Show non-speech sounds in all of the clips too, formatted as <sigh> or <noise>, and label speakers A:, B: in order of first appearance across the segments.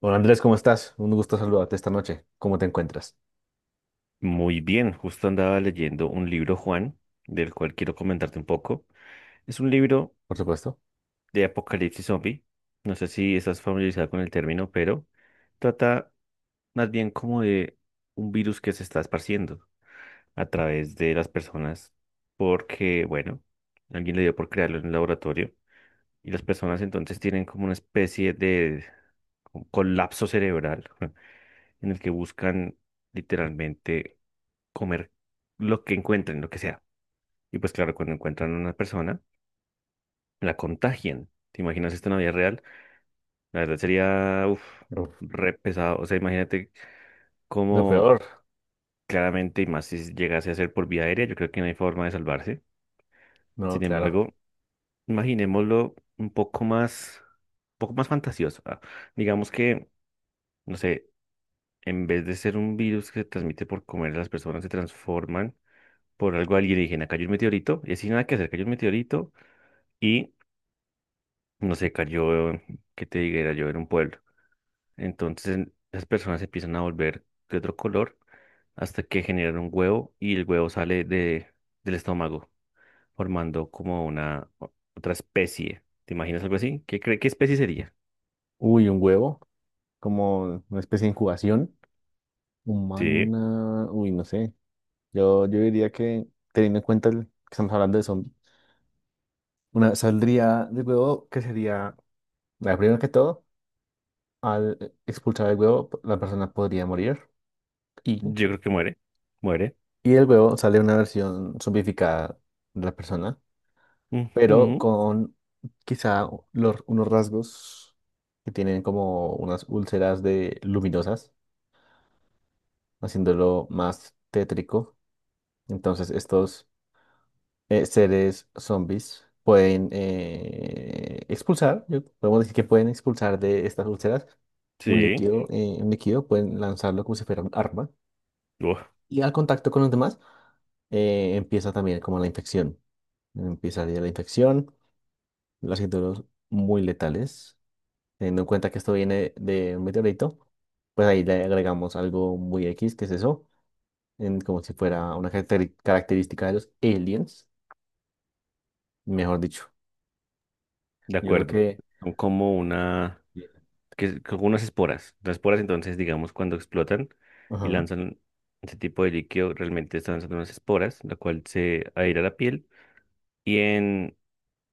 A: Hola Andrés, ¿cómo estás? Un gusto saludarte esta noche. ¿Cómo te encuentras?
B: Muy bien, justo andaba leyendo un libro, Juan, del cual quiero comentarte un poco. Es un libro
A: Por supuesto.
B: de apocalipsis zombie. No sé si estás familiarizado con el término, pero trata más bien como de un virus que se está esparciendo a través de las personas porque, bueno, alguien le dio por crearlo en un laboratorio y las personas entonces tienen como una especie de colapso cerebral <laughs> en el que buscan literalmente comer lo que encuentren, lo que sea. Y pues claro, cuando encuentran a una persona, la contagian. ¿Te imaginas esto en la vida real? La verdad sería, uff,
A: Uf,
B: re pesado. O sea, imagínate
A: lo
B: cómo
A: peor.
B: claramente, y más si llegase a ser por vía aérea, yo creo que no hay forma de salvarse.
A: No,
B: Sin
A: claro.
B: embargo, imaginémoslo un poco más fantasioso. Ah. Digamos que, no sé, en vez de ser un virus que se transmite por comer, las personas se transforman por algo alienígena. Cayó un meteorito y así nada que hacer, cayó un meteorito. Y no sé, cayó, que te diga, era yo era un pueblo. Entonces las personas se empiezan a volver de otro color hasta que generan un huevo y el huevo sale de, del estómago, formando como una otra especie. ¿Te imaginas algo así? ¿Qué cree, qué especie sería?
A: Uy, un huevo, como una especie de incubación
B: Sí,
A: humana. Uy, no sé. Yo diría que, teniendo en cuenta que estamos hablando de zombies, una saldría del huevo que sería, la primera que todo, al expulsar el huevo, la persona podría morir y,
B: yo creo que muere. Muere.
A: y del huevo sale una versión zombificada de la persona pero
B: Ujú.
A: con quizá unos rasgos que tienen como unas úlceras de luminosas, haciéndolo más tétrico. Entonces estos seres zombies pueden expulsar, podemos decir que pueden expulsar de estas úlceras
B: Sí.
A: un líquido, pueden lanzarlo como si fuera un arma.
B: Uf,
A: Y al contacto con los demás empieza también como la infección. Empieza la infección, haciéndolos muy letales. Teniendo en cuenta que esto viene de un meteorito, pues ahí le agregamos algo muy X, que es eso, como si fuera una característica de los aliens, mejor dicho.
B: de
A: Yo creo
B: acuerdo.
A: que...
B: Son como una... que con unas esporas. Las esporas, entonces, digamos, cuando explotan y
A: Ajá.
B: lanzan ese tipo de líquido, realmente están lanzando unas esporas, la cual se adhiere a la piel y en,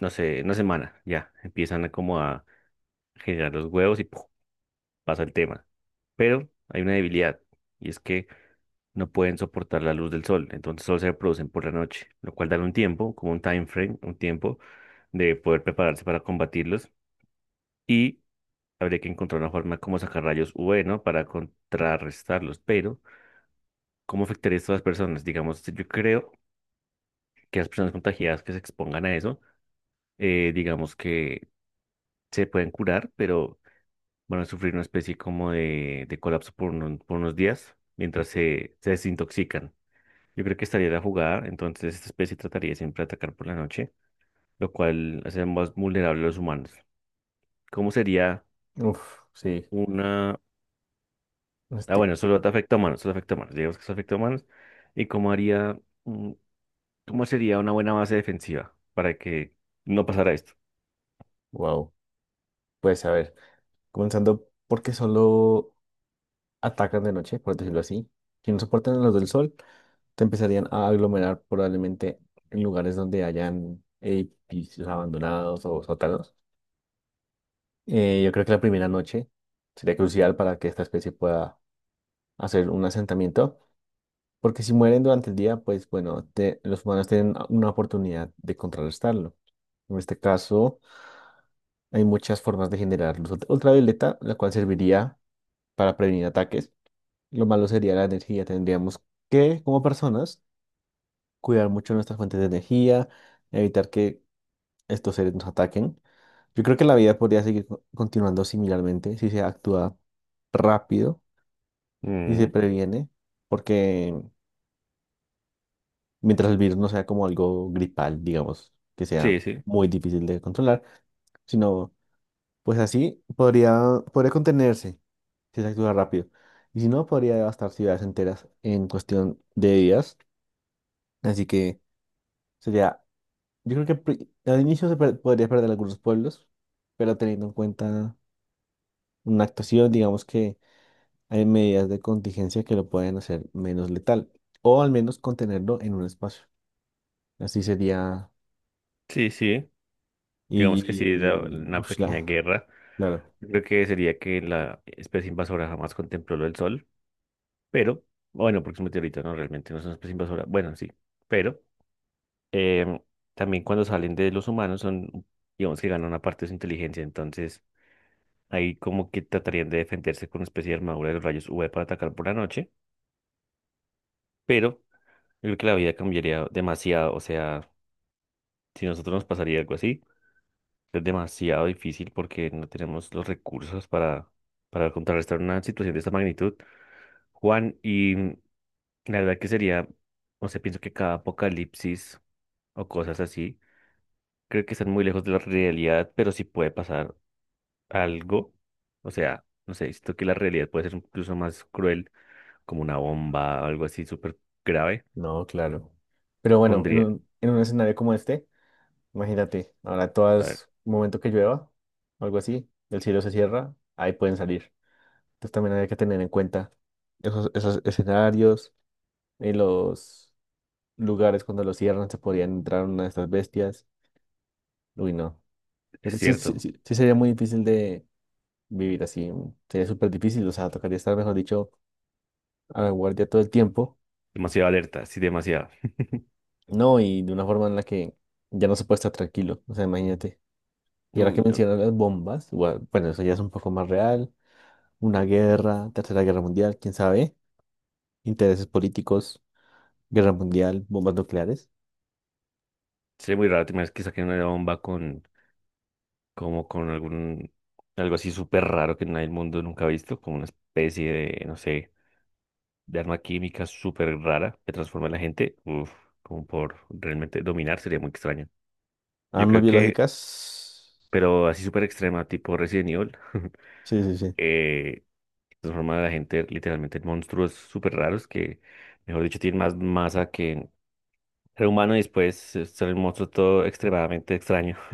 B: no sé, una semana ya empiezan a como a generar los huevos y ¡puf! Pasa el tema. Pero hay una debilidad y es que no pueden soportar la luz del sol, entonces solo se reproducen por la noche, lo cual dan un tiempo, como un time frame, un tiempo de poder prepararse para combatirlos. Y habría que encontrar una forma como sacar rayos UV, ¿no? Para contrarrestarlos. Pero, ¿cómo afectaría esto a las personas? Digamos, yo creo que las personas contagiadas que se expongan a eso, digamos que se pueden curar, pero van a sufrir una especie como de colapso por, por unos días mientras se desintoxican. Yo creo que estaría la jugada, entonces esta especie trataría siempre de atacar por la noche, lo cual hace más vulnerable a los humanos. ¿Cómo sería?
A: Uf, sí.
B: Una Ah,
A: Este,
B: bueno, solo te afecta a humanos, solo afecta a humanos. Digamos que solo afecta a humanos. ¿Y cómo haría, mm, cómo sería una buena base defensiva para que no pasara esto?
A: wow. Pues a ver, comenzando porque solo atacan de noche, por decirlo así. Si no soportan a los del sol, te empezarían a aglomerar probablemente en lugares donde hayan edificios abandonados o sótanos. Yo creo que la primera noche sería crucial para que esta especie pueda hacer un asentamiento, porque si mueren durante el día, pues bueno, los humanos tienen una oportunidad de contrarrestarlo. En este caso, hay muchas formas de generar luz ultravioleta, la cual serviría para prevenir ataques. Lo malo sería la energía. Tendríamos que, como personas, cuidar mucho nuestras fuentes de energía, evitar que estos seres nos ataquen. Yo creo que la vida podría seguir continuando similarmente si se actúa rápido y se
B: Mm,
A: previene, porque mientras el virus no sea como algo gripal, digamos, que sea
B: sí, sí,
A: muy difícil de controlar, sino pues así podría contenerse si se actúa rápido. Y si no, podría devastar ciudades enteras en cuestión de días. Así que sería, yo creo que al inicio podría perder algunos pueblos, pero teniendo en cuenta una actuación, digamos que hay medidas de contingencia que lo pueden hacer menos letal, o al menos contenerlo en un espacio. Así sería.
B: sí, sí. Digamos que sí,
A: Y...
B: una pequeña
A: ushla,
B: guerra.
A: claro,
B: Yo creo que sería que la especie invasora jamás contempló lo del sol, pero, bueno, porque es un meteorito, no, realmente no es una especie invasora. Bueno, sí, pero em, también cuando salen de los humanos son, digamos que ganan una parte de su inteligencia, entonces ahí como que tratarían de defenderse con una especie de armadura de los rayos UV para atacar por la noche, pero yo creo que la vida cambiaría demasiado, o sea, si a nosotros nos pasaría algo así, es demasiado difícil porque no tenemos los recursos para contrarrestar una situación de esta magnitud. Juan, y la verdad que sería, no sé, pienso que cada apocalipsis o cosas así, creo que están muy lejos de la realidad, pero sí puede pasar algo, o sea, no sé, siento que la realidad puede ser incluso más cruel como una bomba, algo así súper grave,
A: no, claro. Pero bueno, en
B: pondría,
A: en un escenario como este, imagínate, ahora
B: a ver,
A: todas, un momento que llueva, o algo así, el cielo se cierra, ahí pueden salir. Entonces también hay que tener en cuenta esos escenarios, en los lugares cuando los cierran se podían entrar una de estas bestias. Uy, no. Creo
B: es
A: que sí, sí,
B: cierto,
A: sí, sí sería muy difícil de vivir así. Sería súper difícil, o sea, tocaría estar, mejor dicho, a la guardia todo el tiempo.
B: demasiado alerta, sí, demasiado.
A: No, y de una forma en la que ya no se puede estar tranquilo, o sea, imagínate. Y ahora que
B: Uy, no,
A: mencionas las bombas, bueno, eso ya es un poco más real, una guerra, tercera guerra mundial, quién sabe, intereses políticos, guerra mundial, bombas nucleares,
B: sería muy raro tener que saquen una bomba con, como con algún, algo así súper raro que nadie el mundo nunca ha visto, como una especie de, no sé, de arma química súper rara que transforma a la gente, uf, como por realmente dominar, sería muy extraño. Yo
A: armas
B: creo que,
A: biológicas,
B: pero así súper extrema, tipo Resident Evil, <laughs>
A: sí, sí, sí,
B: eh, transforman a la gente literalmente en monstruos súper raros que, mejor dicho, tienen más masa que ser humano y después son un monstruo todo extremadamente extraño. <laughs>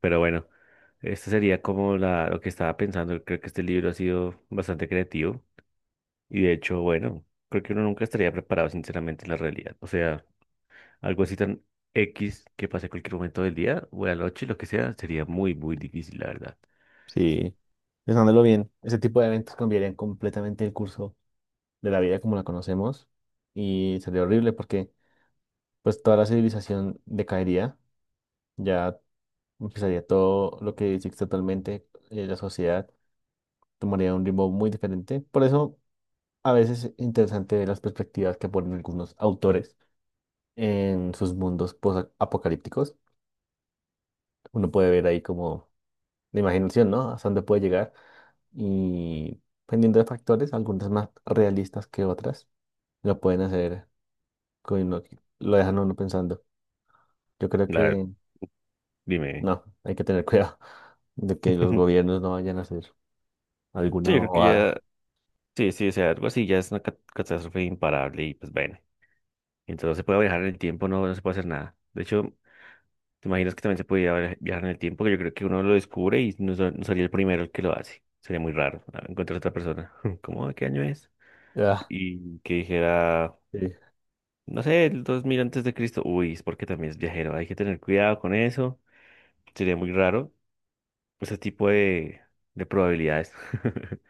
B: Pero bueno, esto sería como la, lo que estaba pensando. Creo que este libro ha sido bastante creativo y de hecho, bueno, creo que uno nunca estaría preparado sinceramente en la realidad. O sea, algo así tan X que pase en cualquier momento del día o de la noche, lo que sea, sería muy, muy difícil, la verdad.
A: sí, pensándolo bien, ese tipo de eventos cambiarían completamente el curso de la vida como la conocemos y sería horrible porque pues toda la civilización decaería, ya empezaría todo lo que existe actualmente, la sociedad tomaría un ritmo muy diferente. Por eso a veces es interesante ver las perspectivas que ponen algunos autores en sus mundos apocalípticos. Uno puede ver ahí como la imaginación, ¿no? Hasta dónde puede llegar y dependiendo de factores, algunas más realistas que otras, lo pueden hacer que lo dejan a uno pensando. Yo creo
B: La,
A: que
B: dime.
A: no, hay que tener cuidado <laughs> de que los
B: <laughs>
A: gobiernos no vayan a hacer
B: Sí,
A: alguna
B: yo creo que
A: bobada.
B: ya. Sí, sí, o sea, algo así ya es una catástrofe imparable y pues bueno, entonces no se puede viajar en el tiempo, no, no se puede hacer nada. De hecho, te imaginas que también se podía viajar en el tiempo, que yo creo que uno lo descubre y no, no sería el primero el que lo hace. Sería muy raro ah, encontrar a otra persona. <laughs> ¿Cómo? ¿De qué año es?
A: Ah,
B: Y que dijera,
A: sí.
B: no sé, el 2000 antes de Cristo. Uy, es porque también es viajero, hay que tener cuidado con eso. Sería muy raro ese tipo de probabilidades. <laughs>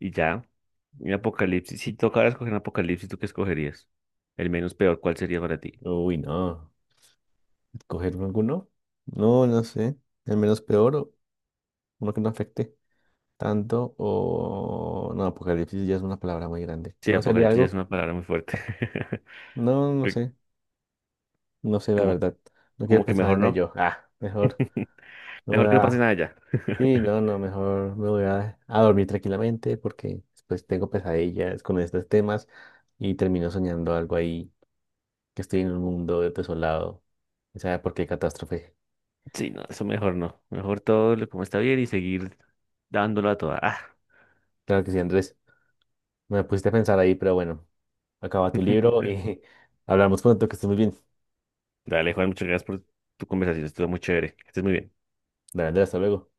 B: Y ya, un apocalipsis. Si tocara escoger un apocalipsis, ¿tú qué escogerías? El menos peor, ¿cuál sería para ti?
A: Uy, no. ¿Escoger alguno? No, no sé. El menos peor, o uno que no afecte tanto, o... No, apocalipsis ya es una palabra muy grande.
B: Sí,
A: ¿No sería
B: apocalipsis ya es
A: algo?
B: una palabra muy fuerte.
A: No,
B: <laughs>
A: no
B: Que-
A: sé. No sé, la
B: Como,
A: verdad. No quiero
B: como que
A: pensar
B: mejor
A: en
B: no.
A: ello. Ah, mejor
B: <laughs>
A: me voy
B: Mejor que no pase
A: a...
B: nada ya.
A: Sí,
B: <laughs>
A: no, no, mejor me voy a dormir tranquilamente porque después tengo pesadillas con estos temas y termino soñando algo ahí, que estoy en un mundo desolado. ¿Quién sabe por qué catástrofe?
B: Sí, no, eso mejor no. Mejor todo lo como está bien y seguir dándolo a toda. Ah.
A: Claro que sí, Andrés. Me pusiste a pensar ahí, pero bueno. Acaba tu
B: <laughs>
A: libro y <laughs> hablamos pronto, que estés muy bien.
B: Dale, Juan, muchas gracias por tu conversación. Estuvo muy chévere. Que estés muy bien.
A: Dale, Andrea, hasta luego.